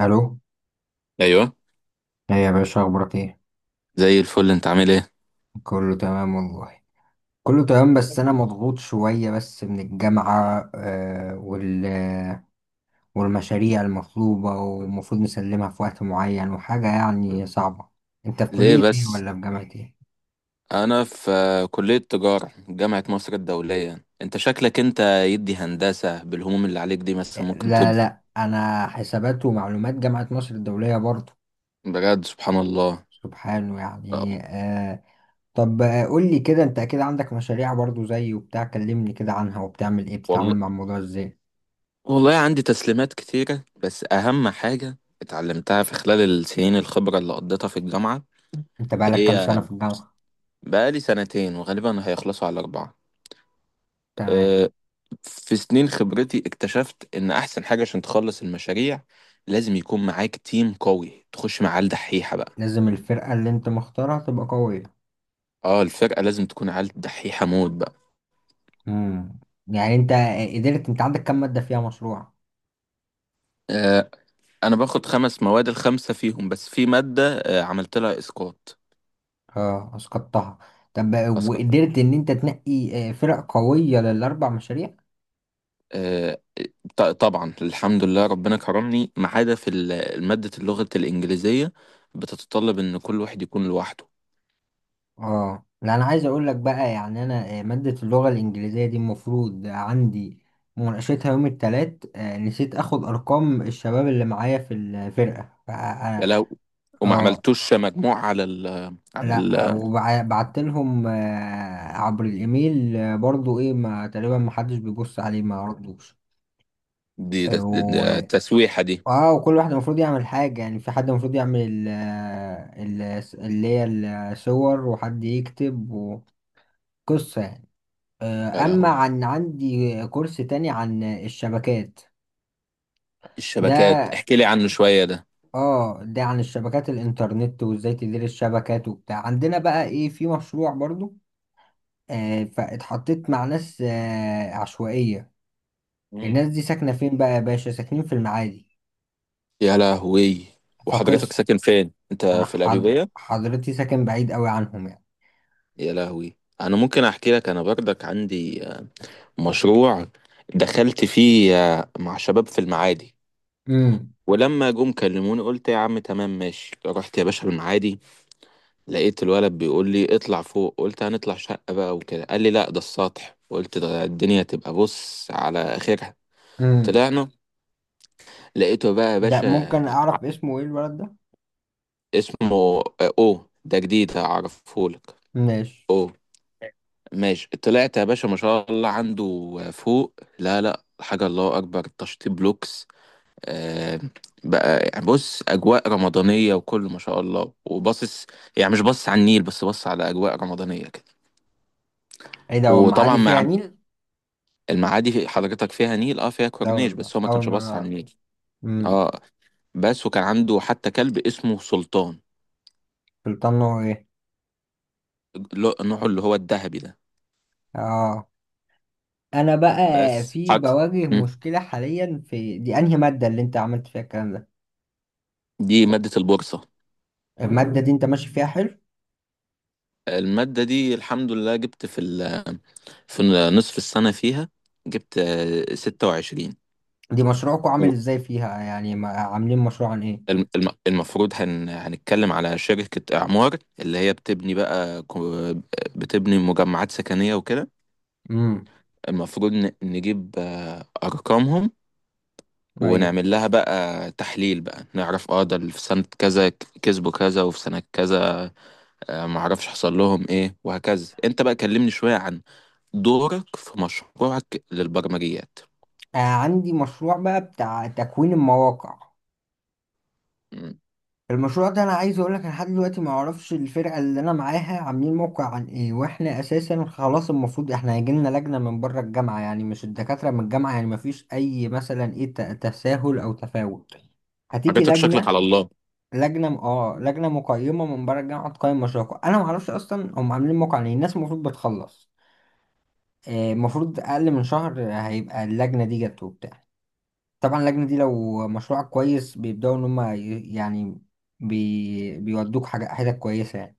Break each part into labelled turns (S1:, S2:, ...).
S1: الو.
S2: ايوه.
S1: ايه يا باشا اخبارك ايه؟
S2: زي الفل، انت عامل ايه؟
S1: كله تمام والله. كله تمام بس انا مضغوط شويه بس من الجامعه، والمشاريع المطلوبه ومفروض نسلمها في وقت معين وحاجه يعني صعبه. انت في
S2: ليه
S1: كليه ايه
S2: بس؟
S1: ولا في جامعه ايه؟
S2: انا في كلية تجارة جامعة مصر الدولية. انت شكلك يدي هندسة بالهموم اللي عليك دي، بس ممكن.
S1: لا
S2: طب
S1: لا انا حسابات ومعلومات جامعه مصر الدوليه برضو.
S2: بجد سبحان الله.
S1: سبحانه يعني آه. طب قول لي كده، انت اكيد عندك مشاريع برضو زي وبتاع، كلمني كده عنها وبتعمل ايه، بتتعامل
S2: والله،
S1: مع الموضوع ازاي؟
S2: والله عندي تسليمات كتيرة، بس اهم حاجة اتعلمتها في خلال السنين الخبرة اللي قضيتها في الجامعة.
S1: انت بقالك كام
S2: هي
S1: سنه في الجامعه؟
S2: بقالي سنتين وغالبا هيخلصوا على اربعة.
S1: تمام.
S2: أه، في سنين خبرتي اكتشفت ان احسن حاجة عشان تخلص المشاريع لازم يكون معاك تيم قوي، تخش مع عيال دحيحة بقى.
S1: لازم الفرقة اللي انت مختارها تبقى قوية.
S2: اه، الفرقة لازم تكون عيال دحيحة موت بقى.
S1: امم يعني انت قدرت، انت عندك كام مادة فيها مشروع؟
S2: آه انا باخد خمس مواد، الخمسة فيهم، بس في مادة عملت لها اسقاط.
S1: اه اسقطتها. طب
S2: اسقط.
S1: وقدرت ان انت تنقي فرق قوية للاربع مشاريع؟
S2: آه طبعا الحمد لله ربنا كرمني، ما عدا في مادة اللغة الإنجليزية، بتتطلب ان كل واحد يكون لوحده.
S1: اه لا، انا عايز اقول لك بقى، يعني انا مادة اللغة الانجليزية دي المفروض عندي مناقشتها يوم التلات، نسيت اخد ارقام الشباب اللي معايا في الفرقة
S2: يا لو، وما
S1: آه،
S2: عملتوش مجموع على ال على ال
S1: لا، وبعت لهم عبر الايميل، برضو ايه، ما تقريبا ما حدش بيبص عليه، ما ردوش.
S2: دي
S1: آه،
S2: ده- ده- ده
S1: و...
S2: التسويحة دي.
S1: اه، وكل واحد المفروض يعمل حاجة، يعني في حد المفروض يعمل ال... اللي هي الصور، وحد يكتب وقصة يعني.
S2: يا
S1: اما
S2: لهوي،
S1: عن عندي كورس تاني عن الشبكات.
S2: الشبكات
S1: ده
S2: احكي لي عنه شوية ده.
S1: اه ده عن الشبكات الانترنت، وازاي تدير الشبكات وبتاع، عندنا بقى ايه في مشروع برضو، فاتحطيت مع ناس عشوائية.
S2: مم.
S1: الناس دي ساكنة فين بقى يا باشا؟ ساكنين في المعادي.
S2: يا لهوي، وحضرتك
S1: فقصة
S2: ساكن فين؟ انت
S1: أنا
S2: في القليوبية؟
S1: حضرتي ساكن بعيد قوي عنهم يعني.
S2: يا لهوي، انا ممكن احكي لك. انا برضك عندي مشروع دخلت فيه مع شباب في المعادي.
S1: امم.
S2: ولما جم كلموني قلت يا عم تمام ماشي، رحت يا باشا المعادي، لقيت الولد بيقول لي اطلع فوق. قلت هنطلع شقة بقى وكده، قال لي لا ده السطح. قلت ده الدنيا تبقى بص على اخرها.
S1: امم.
S2: طلعنا، لقيته بقى يا
S1: ده
S2: باشا.
S1: ممكن أعرف اسمه إيه الولد ده؟
S2: اسمه او ده جديد، هعرفهولك.
S1: ماشي.
S2: او ماشي. طلعت يا باشا ما شاء الله، عنده فوق لا لا حاجة، الله أكبر تشطيب لوكس. آه بقى، يعني بص، أجواء رمضانية وكله ما شاء الله، وباصص يعني مش باصص على النيل، بس باصص على أجواء رمضانية كده.
S1: إيه ده، هو
S2: وطبعا،
S1: المعادي فيها
S2: مع
S1: نيل؟
S2: المعادي حضرتك فيها نيل، اه فيها
S1: لا
S2: كورنيش،
S1: والله،
S2: بس هو ما
S1: أول
S2: كانش
S1: مرة
S2: باصص على
S1: أعرف.
S2: النيل.
S1: امم.
S2: اه بس، وكان عنده حتى كلب اسمه سلطان.
S1: سلطان هو إيه؟
S2: نوعه اللي هو الذهبي ده.
S1: آه. أنا بقى
S2: بس
S1: في،
S2: حاجة.
S1: بواجه مشكلة حاليا في دي. أنهي مادة اللي أنت عملت فيها الكلام ده؟
S2: دي مادة البورصة.
S1: المادة دي أنت ماشي فيها حلو؟
S2: المادة دي الحمد لله جبت في ال، في نصف السنة فيها جبت 26.
S1: دي مشروعكم عامل
S2: والم-
S1: إزاي فيها يعني، عاملين مشروع عن إيه؟
S2: المفروض هنتكلم على شركة إعمار، اللي هي بتبني بقى بتبني مجمعات سكنية وكده.
S1: امم.
S2: المفروض نجيب أرقامهم،
S1: ايوه.
S2: ونعمل لها بقى تحليل، بقى نعرف اه ده اللي في سنة كذا كسبوا كذا، وفي سنة كذا معرفش حصل لهم ايه، وهكذا. انت بقى كلمني شوية عن دورك في مشروعك للبرمجيات.
S1: آه عندي مشروع بقى بتاع تكوين المواقع.
S2: مم.
S1: المشروع ده انا عايز اقول لك، انا لحد دلوقتي ما اعرفش الفرقه اللي انا معاها عاملين موقع عن ايه، واحنا اساسا خلاص المفروض، احنا هيجي لنا لجنه من بره الجامعه يعني، مش الدكاتره من الجامعه، يعني ما فيش اي مثلا ايه تساهل او تفاوت. هتيجي
S2: حاجاتك شكلك
S1: لجنه،
S2: على الله.
S1: لجنه لجنه مقيمه من بره الجامعه تقيم مشروعكم. انا ما اعرفش اصلا هم عاملين موقع عن ايه. الناس المفروض بتخلص، المفروض اقل من شهر هيبقى اللجنه دي جت وبتاع. طبعا اللجنة دي لو مشروعك كويس بيبدأوا إن هما يعني بيودوك حاجة حتت كويسة يعني.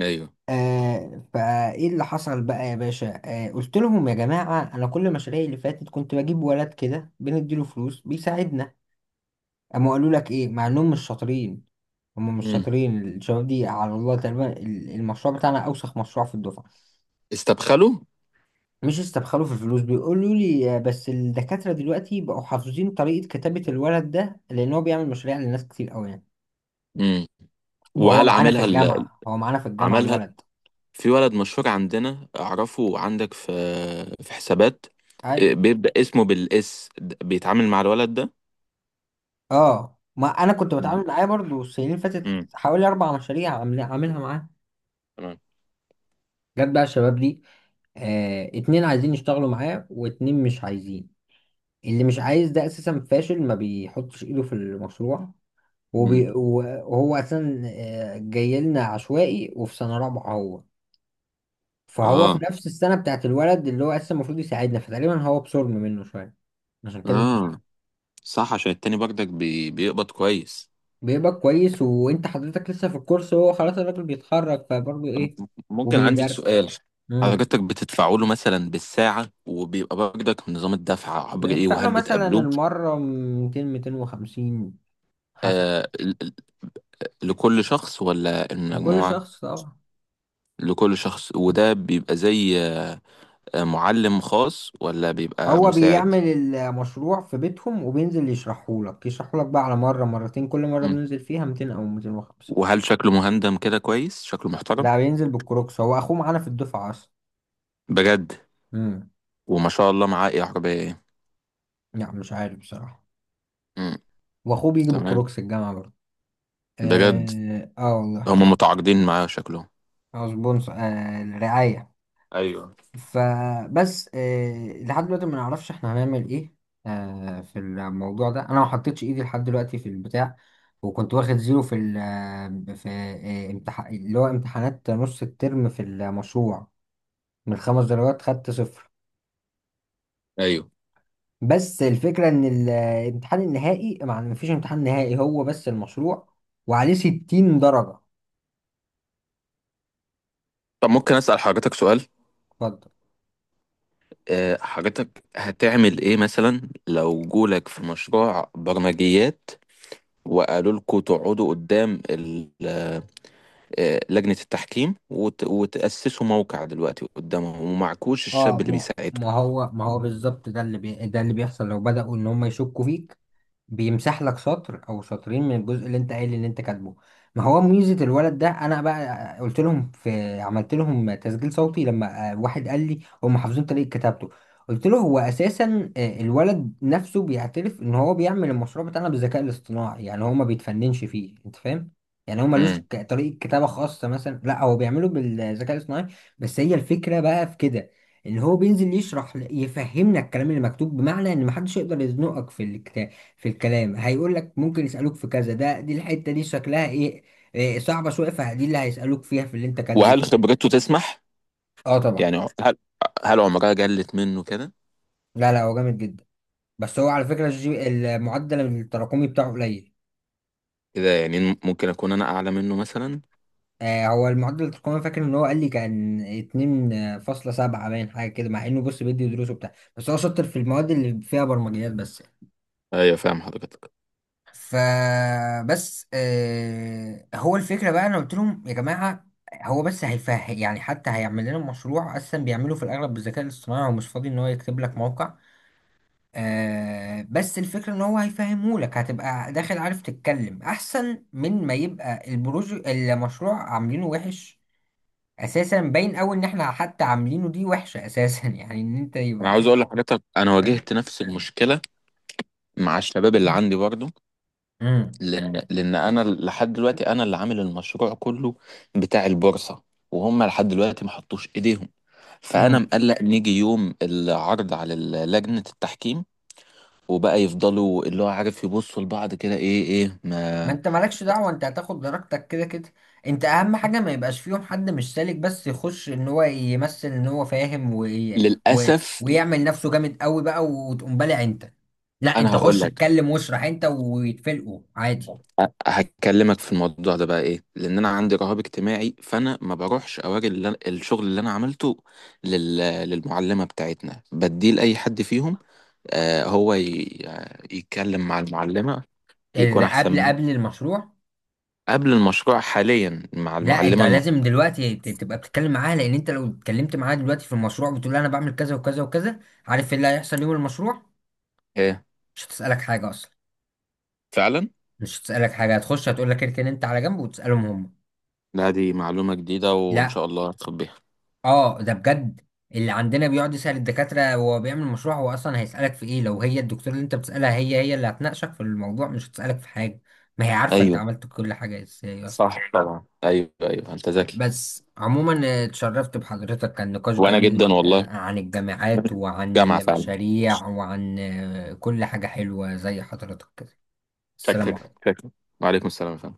S2: ايوه.
S1: آه، فإيه اللي حصل بقى يا باشا؟ آه، قلت لهم يا جماعة، أنا كل مشاريعي اللي فاتت كنت بجيب ولد كده بنديله فلوس بيساعدنا. أما قالوا لك إيه مع إنهم مش شاطرين؟ هما مش
S2: مم.
S1: شاطرين الشباب دي، على الله تقريبا المشروع بتاعنا أوسخ مشروع في الدفعة.
S2: استبخله.
S1: مش استبخلوا في الفلوس، بيقولوا لي بس الدكاترة دلوقتي بقوا حافظين طريقة كتابة الولد ده، لأن هو بيعمل مشاريع لناس كتير أوي يعني.
S2: مم.
S1: وهو
S2: وهل
S1: معانا في
S2: عاملها
S1: الجامعة هو معانا في الجامعة
S2: عملها؟
S1: الولد.
S2: في ولد مشهور عندنا اعرفه، عندك في، في حسابات، إيه،
S1: أيوة.
S2: بيبدأ اسمه بالاس بيتعامل مع الولد ده.
S1: أه، ما أنا كنت
S2: مم.
S1: بتعامل معاه برضو السنين اللي فاتت
S2: مم.
S1: حوالي أربع مشاريع عاملها معاه.
S2: تمام.
S1: جت بقى الشباب دي، آه اتنين عايزين يشتغلوا معاه واتنين مش عايزين. اللي مش عايز ده أساسا فاشل، ما بيحطش إيده في المشروع.
S2: مم.
S1: وهو أساسا جاي لنا عشوائي وفي سنة رابعة هو، فهو في
S2: اه.
S1: نفس السنة بتاعت الولد اللي هو أساسا المفروض يساعدنا، فتقريبا هو بصرم منه شوية. عشان كده مش
S2: اه صح، عشان التاني برضك بيقبض كويس.
S1: بيبقى كويس، وانت حضرتك لسه في الكورس، هو خلاص الراجل بيتخرج فبرضه
S2: طب
S1: ايه
S2: ممكن عندي
S1: وبيدرس.
S2: سؤال.
S1: امم.
S2: حضرتك بتدفعوا له مثلا بالساعة، وبيبقى برضك نظام الدفع عبر ايه،
S1: بندفع له
S2: وهل
S1: مثلا
S2: بتقابلوه؟
S1: المرة 200 250 حسب.
S2: آه ل- ل- لكل شخص ولا
S1: لكل
S2: المجموعة؟
S1: شخص طبعا.
S2: لكل شخص. وده بيبقى زي معلم خاص ولا بيبقى
S1: هو
S2: مساعد؟
S1: بيعمل المشروع في بيتهم وبينزل يشرحه لك، يشرحه لك بقى على مرة مرتين، كل مرة
S2: مم.
S1: بننزل فيها 200 أو 250.
S2: وهل شكله مهندم كده كويس؟ شكله محترم.
S1: لا، بينزل بالكروكس، هو أخوه معانا في الدفعة أصلا.
S2: بجد.
S1: امم.
S2: وما شاء الله، معاه ايه عربية ايه؟
S1: لا مش عارف بصراحة.
S2: مم.
S1: وأخوه بيجي
S2: تمام.
S1: بالكروكس الجامعة برضه.
S2: بجد.
S1: آه، آه والله.
S2: هم متعاقدين معاه شكله.
S1: أو سبونسر آه الرعاية.
S2: ايوه.
S1: فبس لحد دلوقتي ما نعرفش احنا هنعمل ايه في الموضوع ده. انا ما حطيتش ايدي لحد دلوقتي في البتاع. وكنت واخد زيرو في ال آه، في آه، امتح... اللي هو امتحانات نص الترم في المشروع، من خمس درجات خدت صفر.
S2: ايوه.
S1: بس الفكرة ان الامتحان النهائي، ما مفيش امتحان نهائي، هو بس المشروع وعليه 60 درجة.
S2: طب ممكن اسأل حضرتك سؤال.
S1: اتفضل.
S2: حضرتك هتعمل ايه مثلا لو جولك في مشروع برمجيات، وقالوا لكم تقعدوا قدام لجنة التحكيم وتأسسوا موقع دلوقتي قدامهم، ومعكوش
S1: اه
S2: الشاب اللي
S1: ما ما
S2: بيساعدكم؟
S1: هو ما هو بالظبط ده اللي ده اللي بيحصل، لو بدأوا ان هم يشكوا فيك بيمسح لك سطر او سطرين من الجزء اللي انت قايل ان انت كاتبه. ما هو ميزه الولد ده، انا بقى قلت لهم، في عملت لهم تسجيل صوتي، لما واحد قال لي هم حافظين طريقه كتابته، قلت له هو اساسا الولد نفسه بيعترف ان هو بيعمل المشروع بتاعنا بالذكاء الاصطناعي، يعني هو ما بيتفننش فيه، انت فاهم؟ يعني هو ملوش
S2: امم.
S1: طريقه كتابه خاصه مثلا، لا هو بيعمله بالذكاء الاصطناعي. بس هي الفكره بقى في كده، ان هو بينزل يشرح، يفهمنا الكلام اللي مكتوب، بمعنى ان محدش يقدر يزنقك في الكتاب في الكلام. هيقول لك ممكن يسألوك في كذا، ده دي الحتة دي شكلها ايه؟ إيه صعبة شوية، فدي اللي هيسألوك فيها في اللي انت
S2: وهل
S1: كاتبه.
S2: خبرته تسمح؟
S1: اه طبعا.
S2: يعني هل، هل عمرها جلت منه كده؟
S1: لا هو جامد جدا. بس هو على فكرة الجي المعدل التراكمي بتاعه قليل.
S2: كده يعني ممكن اكون انا اعلى منه مثلا.
S1: آه، هو المعدل التراكمي فاكر ان هو قال لي كان 2.7 باين حاجة كده، مع انه بص بيدي دروسه بتاع بس هو شاطر في المواد اللي فيها برمجيات بس.
S2: ايوه، فاهم حضرتك.
S1: فبس آه، هو الفكرة بقى، أنا قلت لهم يا جماعة، هو بس هيفهم يعني، حتى هيعمل لنا مشروع أصلا بيعمله في الأغلب بالذكاء الاصطناعي، ومش فاضي إن هو يكتب لك موقع، آه بس الفكرة إن هو هيفهمه لك، هتبقى داخل عارف تتكلم أحسن من ما يبقى البروج المشروع عاملينه وحش أساسا. باين أوي إن إحنا حتى عاملينه دي وحشة أساسا يعني إن أنت
S2: انا
S1: يبقى
S2: عاوز اقول لحضرتك انا
S1: فاهم؟
S2: واجهت نفس المشكلة مع الشباب اللي عندي برضه. لان انا لحد دلوقتي انا اللي عامل المشروع كله بتاع البورصه، وهم لحد دلوقتي ما حطوش ايديهم. فانا
S1: مم.
S2: مقلق نيجي يوم العرض على لجنه التحكيم، وبقى يفضلوا اللي هو عارف يبصوا لبعض كده، ايه ايه
S1: ما
S2: ما.
S1: انت مالكش دعوة، انت هتاخد درجتك كده كده. انت اهم حاجة ما يبقاش فيهم حد مش سالك، بس يخش ان هو يمثل ان هو فاهم و...
S2: للاسف.
S1: ويعمل نفسه جامد قوي بقى، وتقوم بالع انت. لا،
S2: انا
S1: انت
S2: هقول
S1: خش
S2: لك،
S1: اتكلم واشرح انت ويتفلقوا عادي.
S2: هكلمك في الموضوع ده بقى ايه، لان انا عندي رهاب اجتماعي، فانا ما بروحش اوري اللي الشغل اللي انا عملته لل... للمعلمه بتاعتنا، بديه لاي حد فيهم. هو يتكلم مع المعلمة يكون
S1: اذا
S2: أحسن
S1: قبل
S2: منه.
S1: قبل المشروع.
S2: قبل المشروع، حاليا مع
S1: لا انت
S2: المعلمة المصرية.
S1: لازم دلوقتي تبقى بتتكلم معاها، لان انت لو اتكلمت معاها دلوقتي في المشروع، بتقول لها انا بعمل كذا وكذا وكذا، عارف ايه اللي هيحصل يوم المشروع؟
S2: إيه،
S1: مش هتسألك حاجة اصلا.
S2: فعلا.
S1: مش هتسألك حاجة، هتخش هتقول لك اركن انت على جنب، وتسألهم هم.
S2: لا، دي معلومة جديدة وإن
S1: لا.
S2: شاء الله هتاخد بيها.
S1: اه ده بجد، اللي عندنا بيقعد يسأل الدكاترة وهو بيعمل مشروع، هو أصلا هيسألك في إيه، لو هي الدكتور اللي أنت بتسألها هي هي اللي هتناقشك في الموضوع؟ مش هتسألك في حاجة، ما هي عارفة أنت
S2: أيوه
S1: عملت كل حاجة إزاي أصلا.
S2: صح، طبعا. أيوه أيوه أنت ذكي.
S1: بس عموما اتشرفت بحضرتك، كان نقاش
S2: وأنا جدا
S1: جميل
S2: والله.
S1: عن الجامعات وعن
S2: جامعة فعلا.
S1: المشاريع وعن كل حاجة حلوة زي حضرتك كده. السلام
S2: شكلك
S1: عليكم.
S2: شكلك. وعليكم السلام يا فندم.